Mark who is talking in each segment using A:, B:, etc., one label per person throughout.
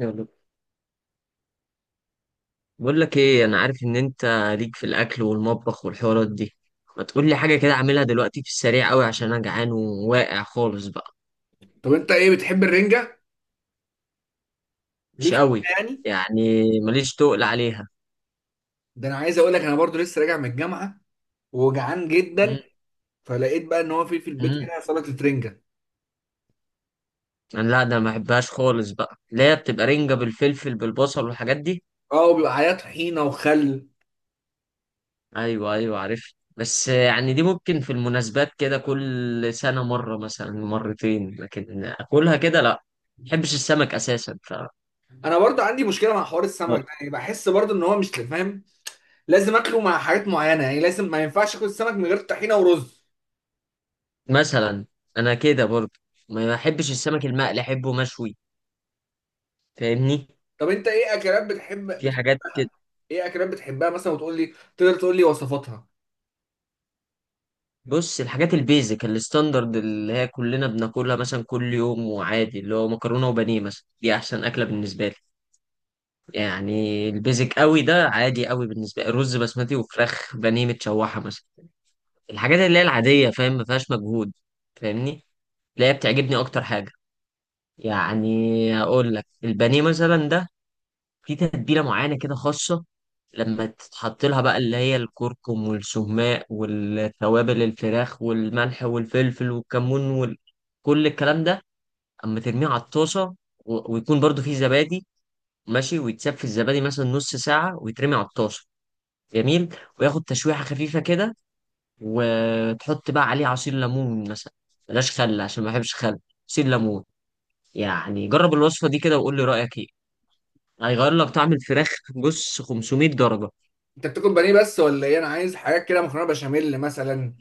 A: يلا، بقول لك ايه. انا عارف ان انت ليك في الاكل والمطبخ والحوارات دي. ما تقول لي حاجه كده اعملها دلوقتي في السريع قوي عشان انا جعان وواقع خالص بقى.
B: طب انت ايه، بتحب الرنجه؟
A: مش
B: ليك فيها
A: قوي.
B: يعني؟
A: يعني ماليش تقل عليها.
B: ده انا عايز اقول لك انا برضو لسه راجع من الجامعه وجعان جدا.
A: مم،
B: فلقيت بقى ان هو في البيت
A: مم.
B: هنا سلطه رنجه.
A: انا لا، ده ما بحبهاش خالص بقى اللي هي بتبقى رنجه بالفلفل بالبصل والحاجات دي.
B: اه، وبيبقى عليها طحينه وخل.
A: ايوه ايوه عارف، بس يعني دي ممكن في المناسبات كده كل سنه مره مثلا مرتين، لكن اكلها كده لا. ما بحبش السمك اساسا ف
B: انا برضو عندي مشكله مع حوار السمك ده، يعني بحس برضو ان هو مش فاهم. لازم اكله مع حاجات معينه، يعني لازم، ما ينفعش اكل السمك من غير طحينه ورز.
A: مثلا. انا كده برضه ما بحبش السمك المقلي، احبه مشوي. فاهمني؟
B: طب انت ايه اكلات بتحب,
A: في
B: بتحب
A: حاجات كده.
B: ايه اكلات بتحبها مثلا وتقول لي؟ تقدر تقول لي وصفاتها؟
A: بص، الحاجات البيزك الستاندرد اللي هي كلنا بناكلها مثلا كل يوم وعادي، اللي هو مكرونه وبانيه مثلا، دي احسن اكله بالنسبه لي. يعني البيزك قوي ده عادي قوي بالنسبه لي، رز بسمتي وفراخ بانيه متشوحه مثلا. الحاجات اللي هي العاديه، فاهم، ما فيهاش مجهود. فاهمني؟ اللي هي بتعجبني اكتر حاجه. يعني هقول لك البانيه مثلا ده، في تتبيلة معينة كده خاصة لما تتحط لها بقى، اللي هي الكركم والسهماء والتوابل الفراخ والملح والفلفل والكمون وكل الكلام ده، اما ترميه على الطاسة ويكون برضو فيه زبادي ماشي، ويتساب في الزبادي مثلا نص ساعة، ويترمي على الطاسة جميل، وياخد تشويحة خفيفة كده، وتحط بقى عليه عصير ليمون مثلا. بلاش خل عشان ما بحبش خل. عصير ليمون. يعني جرب الوصفة دي كده وقول لي رأيك ايه. هيغير لك طعم الفراخ. بص، 500 درجة.
B: انت بتاكل بانيه بس ولا ايه؟ انا عايز حاجات كده مكرونه بشاميل مثلا.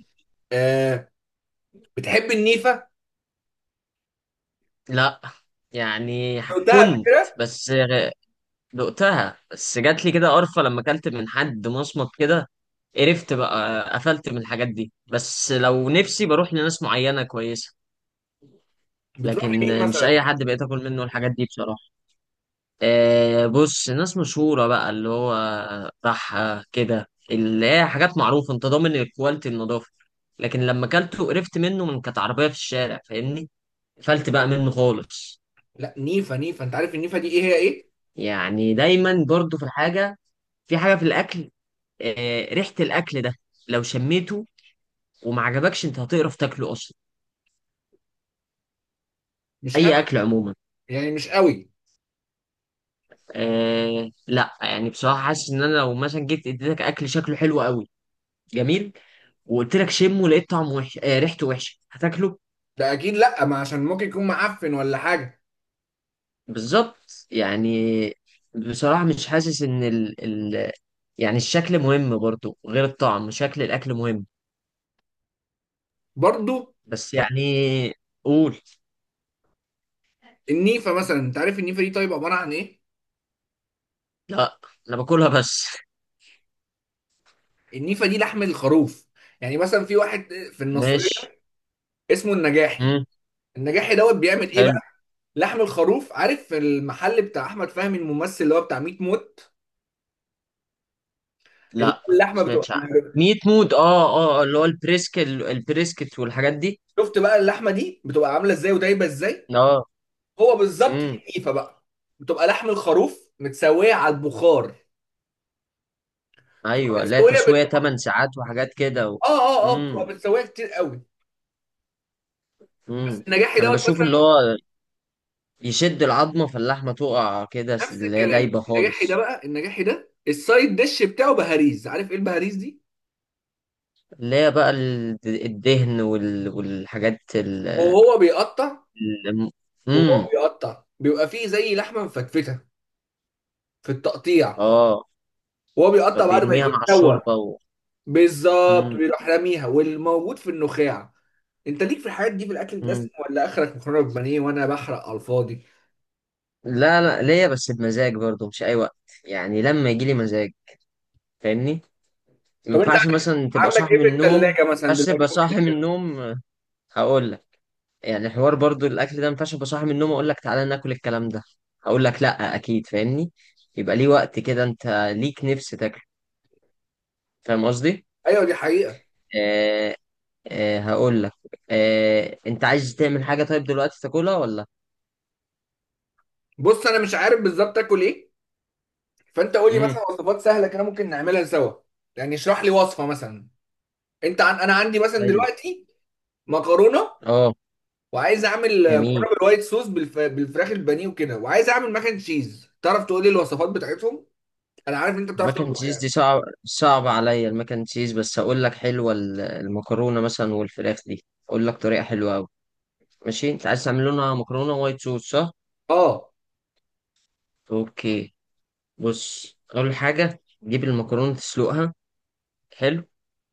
B: آه، بتحب النيفه؟
A: لا يعني
B: قلتها قبل
A: كنت
B: كده؟
A: بس دقتها، بس جات لي كده قرفة لما اكلت من حد مصمت كده. قرفت بقى، قفلت من الحاجات دي. بس لو نفسي بروح لناس معينة كويسة.
B: بتروح
A: لكن
B: لمين
A: مش
B: مثلا؟
A: أي حد بقيت آكل منه الحاجات دي بصراحة. آه بص، ناس مشهورة بقى اللي هو بحة كده، اللي هي حاجات معروفة أنت ضامن الكواليتي، النظافة. لكن لما أكلته قرفت منه، من كانت عربية في الشارع. فاهمني؟ قفلت بقى منه خالص.
B: لا، نيفا نيفا انت عارف النيفا دي ايه، هي ايه؟
A: يعني دايما برضو في الحاجة، في حاجة في الأكل. ريحة الأكل ده لو شميته وما عجبكش، أنت هتقرف تاكله أصلا.
B: مش
A: أي
B: قوي.
A: أكل عموما.
B: يعني مش قوي.
A: آه لا يعني، بصراحة حاسس إن أنا لو مثلا جيت اديتك أكل شكله حلو قوي جميل، وقلت لك شمه لقيت طعمه وحش، ريحته وحشة، هتاكله؟
B: ده اكيد لا، ما عشان ممكن يكون معفن ولا حاجه.
A: بالظبط يعني. بصراحة مش حاسس إن يعني الشكل مهم برضو غير الطعم، شكل الأكل مهم.
B: برضو.
A: بس يعني. قول.
B: النيفا مثلا انت عارف النيفا دي طيب عباره عن ايه؟
A: لا، أنا باكلها بس.
B: النيفا دي لحم الخروف. يعني مثلا في واحد في النصريه
A: ماشي.
B: اسمه النجاحي.
A: مم.
B: النجاحي دوت بيعمل ايه بقى؟
A: حلو.
B: لحم الخروف، عارف المحل بتاع احمد فهمي الممثل اللي هو بتاع 100 موت؟
A: لا
B: اللحمه بتبقى.
A: سمعتش عنه. ميت مود، اه اه آه، اللي هو البريسك، البريسكت والحاجات دي.
B: شفت بقى اللحمه دي بتبقى عامله ازاي ودايبه ازاي؟
A: اه.
B: هو بالظبط دي
A: امم.
B: النيفه بقى. بتبقى لحم الخروف متسويه على البخار. بتبقى
A: ايوه، لا
B: متسويه بت...
A: تسوية 8 ساعات وحاجات كده و...
B: اه اه اه بتبقى
A: امم.
B: متسويه كتير قوي. بس
A: امم.
B: النجاحي
A: انا
B: دوت
A: بشوف اللي
B: مثلا.
A: هو يشد العظمة فاللحمة تقع كده
B: نفس
A: اللي هي
B: الكلام،
A: دايبة
B: النجاحي ده
A: خالص.
B: بقى، النجاحي ده السايد ديش بتاعه بهاريز، عارف ايه البهاريز دي؟
A: اللي هي بقى الدهن والحاجات
B: وهو بيقطع
A: ال...
B: وهو
A: امم.
B: بيقطع بيبقى فيه زي لحمه مفتفته في التقطيع.
A: اه.
B: وهو بيقطع بعد ما
A: فبيرميها
B: يكون
A: مع
B: سوى.
A: الشوربة و...
B: بالظبط بيروح راميها والموجود في النخاع. انت ليك في الحاجات دي في الاكل الدسم
A: امم.
B: ولا اخرك مكرونه بانيه وانا بحرق على الفاضي؟
A: لا لا، ليا بس بمزاج برضه مش اي وقت. يعني لما يجي لي مزاج. فاهمني؟ ما
B: طب انت
A: ينفعش مثلا تبقى
B: عندك
A: صاحي
B: ايه
A: من
B: في
A: النوم.
B: الثلاجه مثلا
A: بس
B: دلوقتي
A: تبقى
B: ممكن
A: صاحي من
B: نعمله؟
A: النوم. هقول لك. يعني حوار برضه الاكل ده ما ينفعش ابقى صاحي من النوم اقول لك تعالى ناكل الكلام ده. هقول لك، لا اكيد فاهمني. يبقى ليه وقت كده انت ليك نفس تاكله. فاهم قصدي؟
B: ايوه دي حقيقه.
A: آه. آه هقول لك. آه، انت عايز تعمل حاجه طيب دلوقتي تاكلها ولا.
B: بص انا مش عارف بالظبط اكل ايه. فانت قول لي
A: امم.
B: مثلا وصفات سهله كده ممكن نعملها سوا. يعني اشرح لي وصفه مثلا. انا عندي مثلا
A: حلو.
B: دلوقتي مكرونه.
A: اه.
B: وعايز اعمل
A: جميل.
B: مكرونه بالوايت صوص بالفراخ البانيه وكده. وعايز اعمل ماكن تشيز، تعرف تقول لي الوصفات بتاعتهم؟ انا عارف ان انت بتعرف
A: الماك اند
B: تطبخ
A: تشيز
B: يعني.
A: دي صعب، صعب عليا الماك اند تشيز، بس هقول لك حلوه المكرونه مثلا والفراخ دي اقول لك طريقه حلوه قوي. ماشي، انت عايز تعمل لنا مكرونه وايت صوص، صح؟
B: اه،
A: اوكي. بص، اول حاجه تجيب المكرونه تسلقها. حلو.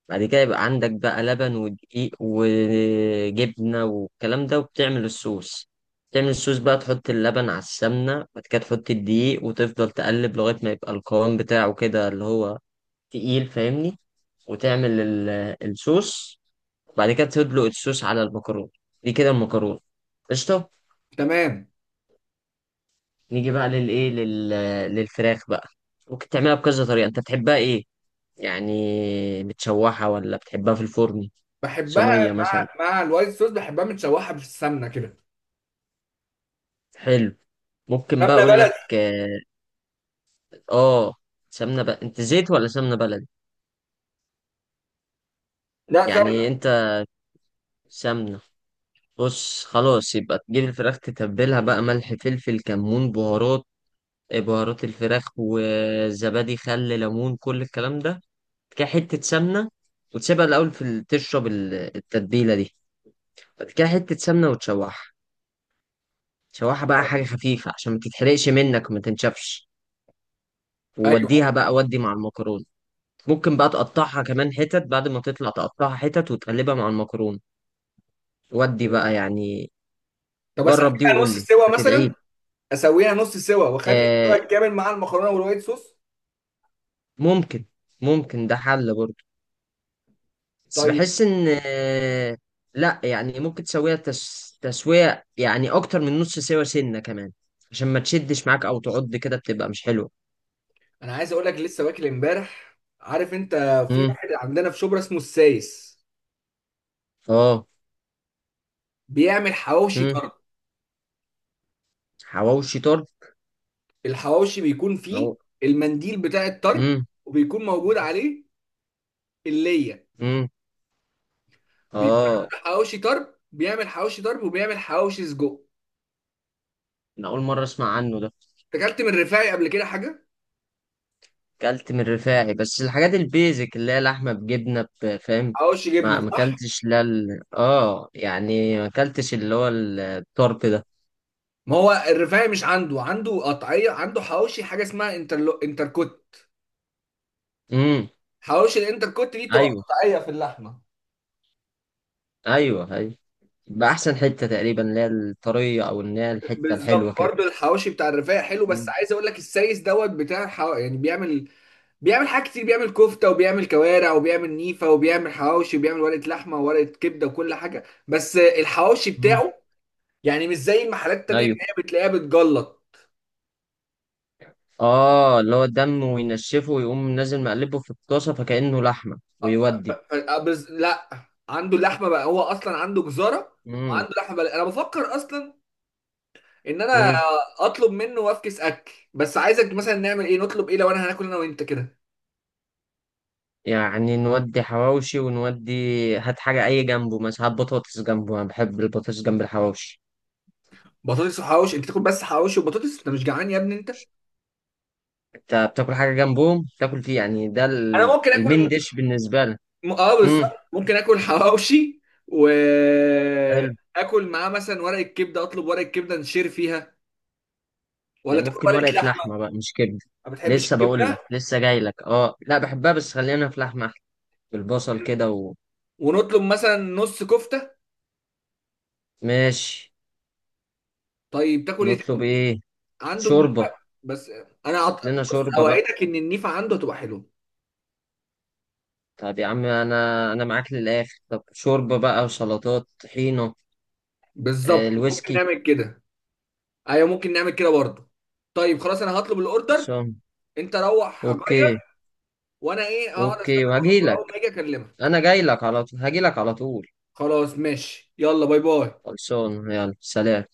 A: بعد كده يبقى عندك بقى لبن ودقيق وجبنه والكلام ده، وبتعمل الصوص. تعمل الصوص بقى، تحط اللبن على السمنه، بعد كده تحط الدقيق وتفضل تقلب لغايه ما يبقى القوام بتاعه كده، اللي هو تقيل. فاهمني؟ وتعمل الصوص. وبعد كده تدلق الصوص على المكرونة. دي كده المكرونة قشطة.
B: تمام.
A: نيجي بقى للإيه، للفراخ بقى. ممكن تعملها بكذا طريقة. أنت بتحبها إيه؟ يعني متشوحة ولا بتحبها في الفرن؟
B: بحبها
A: صينية مثلا.
B: مع الوايت صوص. بحبها متشوحه في السمنه كده.
A: حلو. ممكن بقى
B: سمنه
A: أقول
B: بلدي.
A: لك آه. آه، سمنة بقى، أنت زيت ولا سمنة بلدي؟
B: لا، سمنه.
A: يعني أنت. سمنة. بص، خلاص يبقى تجيب الفراخ تتبلها بقى، ملح فلفل كمون بهارات، بهارات الفراخ وزبادي خل ليمون كل الكلام ده. بعد كده حتة سمنة، وتسيبها الأول في تشرب التتبيلة دي. بعد كده حتة سمنة وتشوحها. تشوحها بقى حاجة خفيفة عشان ما تتحرقش منك وما تنشفش.
B: ايوه.
A: ووديها بقى، ودي مع المكرونة. ممكن بقى تقطعها كمان حتت، بعد ما تطلع تقطعها حتت وتقلبها مع المكرونة. ودي بقى يعني.
B: طب اسويها
A: جرب دي وقول
B: نص
A: لي
B: سوا مثلا.
A: هتدعي.
B: اسويها نص سوا واخلي السوا
A: آه
B: الكامل مع المكرونه والوايت صوص.
A: ممكن، ده حل برضه. بس
B: طيب.
A: بحس ان لا يعني ممكن تسويها تسوية يعني اكتر من نص سوا، سنة كمان، عشان ما تشدش معاك او تعض كده بتبقى مش حلوة.
B: انا عايز اقول لك لسه واكل امبارح، عارف انت. في
A: امم.
B: واحد عندنا في شبرا اسمه السايس.
A: اه.
B: بيعمل حواوشي
A: امم.
B: طرب.
A: حواوشي طرب.
B: الحواوشي بيكون فيه
A: أو...
B: المنديل بتاع الطرب.
A: امم.
B: وبيكون موجود عليه الليه.
A: امم.
B: بيكون
A: اه.
B: عنده حواوشي طرب، بيعمل حواوشي طرب وبيعمل حواوشي سجق.
A: انا اول مرة اسمع عنه ده.
B: أنت اكلت من الرفاعي قبل كده حاجه؟
A: اكلت من الرفاعي، بس الحاجات البيزك اللي هي لحمة بجبنة فاهم.
B: حواوشي جبنه
A: ما
B: صح؟
A: اكلتش، لا اه يعني ما اكلتش اللي هو الطرب ده.
B: ما هو الرفاعي مش عنده، عنده قطعيه، عنده حواوشي حاجه اسمها انتركوت.
A: امم.
B: حواوشي الانتر كوت دي تبقى
A: ايوه.
B: قطعيه في اللحمه.
A: ايوه ايوه. بأحسن حتة تقريبا، اللي هي الطرية أو اللي هي الحتة
B: بالظبط،
A: الحلوة كده.
B: برضه الحواوشي بتاع الرفاعي حلو، بس
A: مم.
B: عايز اقول لك السايس دوت بتاع يعني بيعمل. بيعمل حاجات كتير، بيعمل كفته وبيعمل كوارع وبيعمل نيفه وبيعمل حواوشي وبيعمل ورقه لحمه وورقه كبده وكل حاجه، بس الحواوشي
A: مم.
B: بتاعه يعني مش زي المحلات التانيه
A: أيوه.
B: اللي هي بتلاقيها بتجلط.
A: آه، اللي هو الدم وينشفه ويقوم نازل مقلبه في الطاسة فكأنه لحمة،
B: أ-
A: ويودي.
B: لا. عنده اللحمه بقى، هو اصلا عنده جزاره.
A: مم.
B: وعنده لحمه بقى. انا بفكر اصلا ان انا
A: مم.
B: اطلب منه وافكس اكل، بس عايزك مثلا نعمل ايه، نطلب ايه لو انا هناكل انا وانت كده؟
A: يعني نودي حواوشي ونودي. هات حاجة أي جنبه مثلا، هات بطاطس جنبه، أنا بحب البطاطس جنب الحواوشي.
B: بطاطس وحواوشي، انت تاكل بس حواوشي وبطاطس، انت مش جعان يا ابني انت.
A: أنت بتاكل حاجة جنبهم؟ بتاكل فيه يعني، ده
B: انا ممكن اكل
A: المين ديش بالنسبة لك.
B: م- اه
A: مم.
B: بالظبط ممكن اكل حواوشي. و
A: حلو.
B: اكل معاه مثلا ورقه كبده، اطلب ورقه كبده نشير فيها.
A: ده
B: ولا تاكل
A: ممكن
B: ورقه
A: ورقة
B: لحمه؟
A: لحمة بقى مش كبدة.
B: ما بتحبش
A: لسه بقول لك،
B: الكبده؟
A: لسه جاي لك. اه لا بحبها، بس خلينا في لحمة بالبصل كده.
B: ونطلب مثلا نص كفته.
A: وماشي.
B: طيب تاكل ايه
A: نطلب
B: تاني؟
A: ايه؟
B: عنده النيفه.
A: شوربة.
B: بس انا عط...
A: لنا
B: بص
A: شوربة بقى.
B: اوعدك ان النيفه عنده هتبقى حلوه.
A: طب يا عم، انا معاك للاخر. طب شوربة بقى وسلطات طحينة. آه،
B: بالظبط ممكن
A: الويسكي.
B: نعمل كده. ايوه ممكن نعمل كده برضه. طيب خلاص انا هطلب الاوردر.
A: خلصان.
B: انت روح
A: اوكي.
B: غير. وانا ايه هقعد استنى.
A: اوكي
B: اول ما
A: وهجيلك.
B: اجي اكلمها.
A: انا جايلك على طول، هجيلك على طول.
B: خلاص ماشي، يلا باي باي.
A: خلصان، يلا سلام.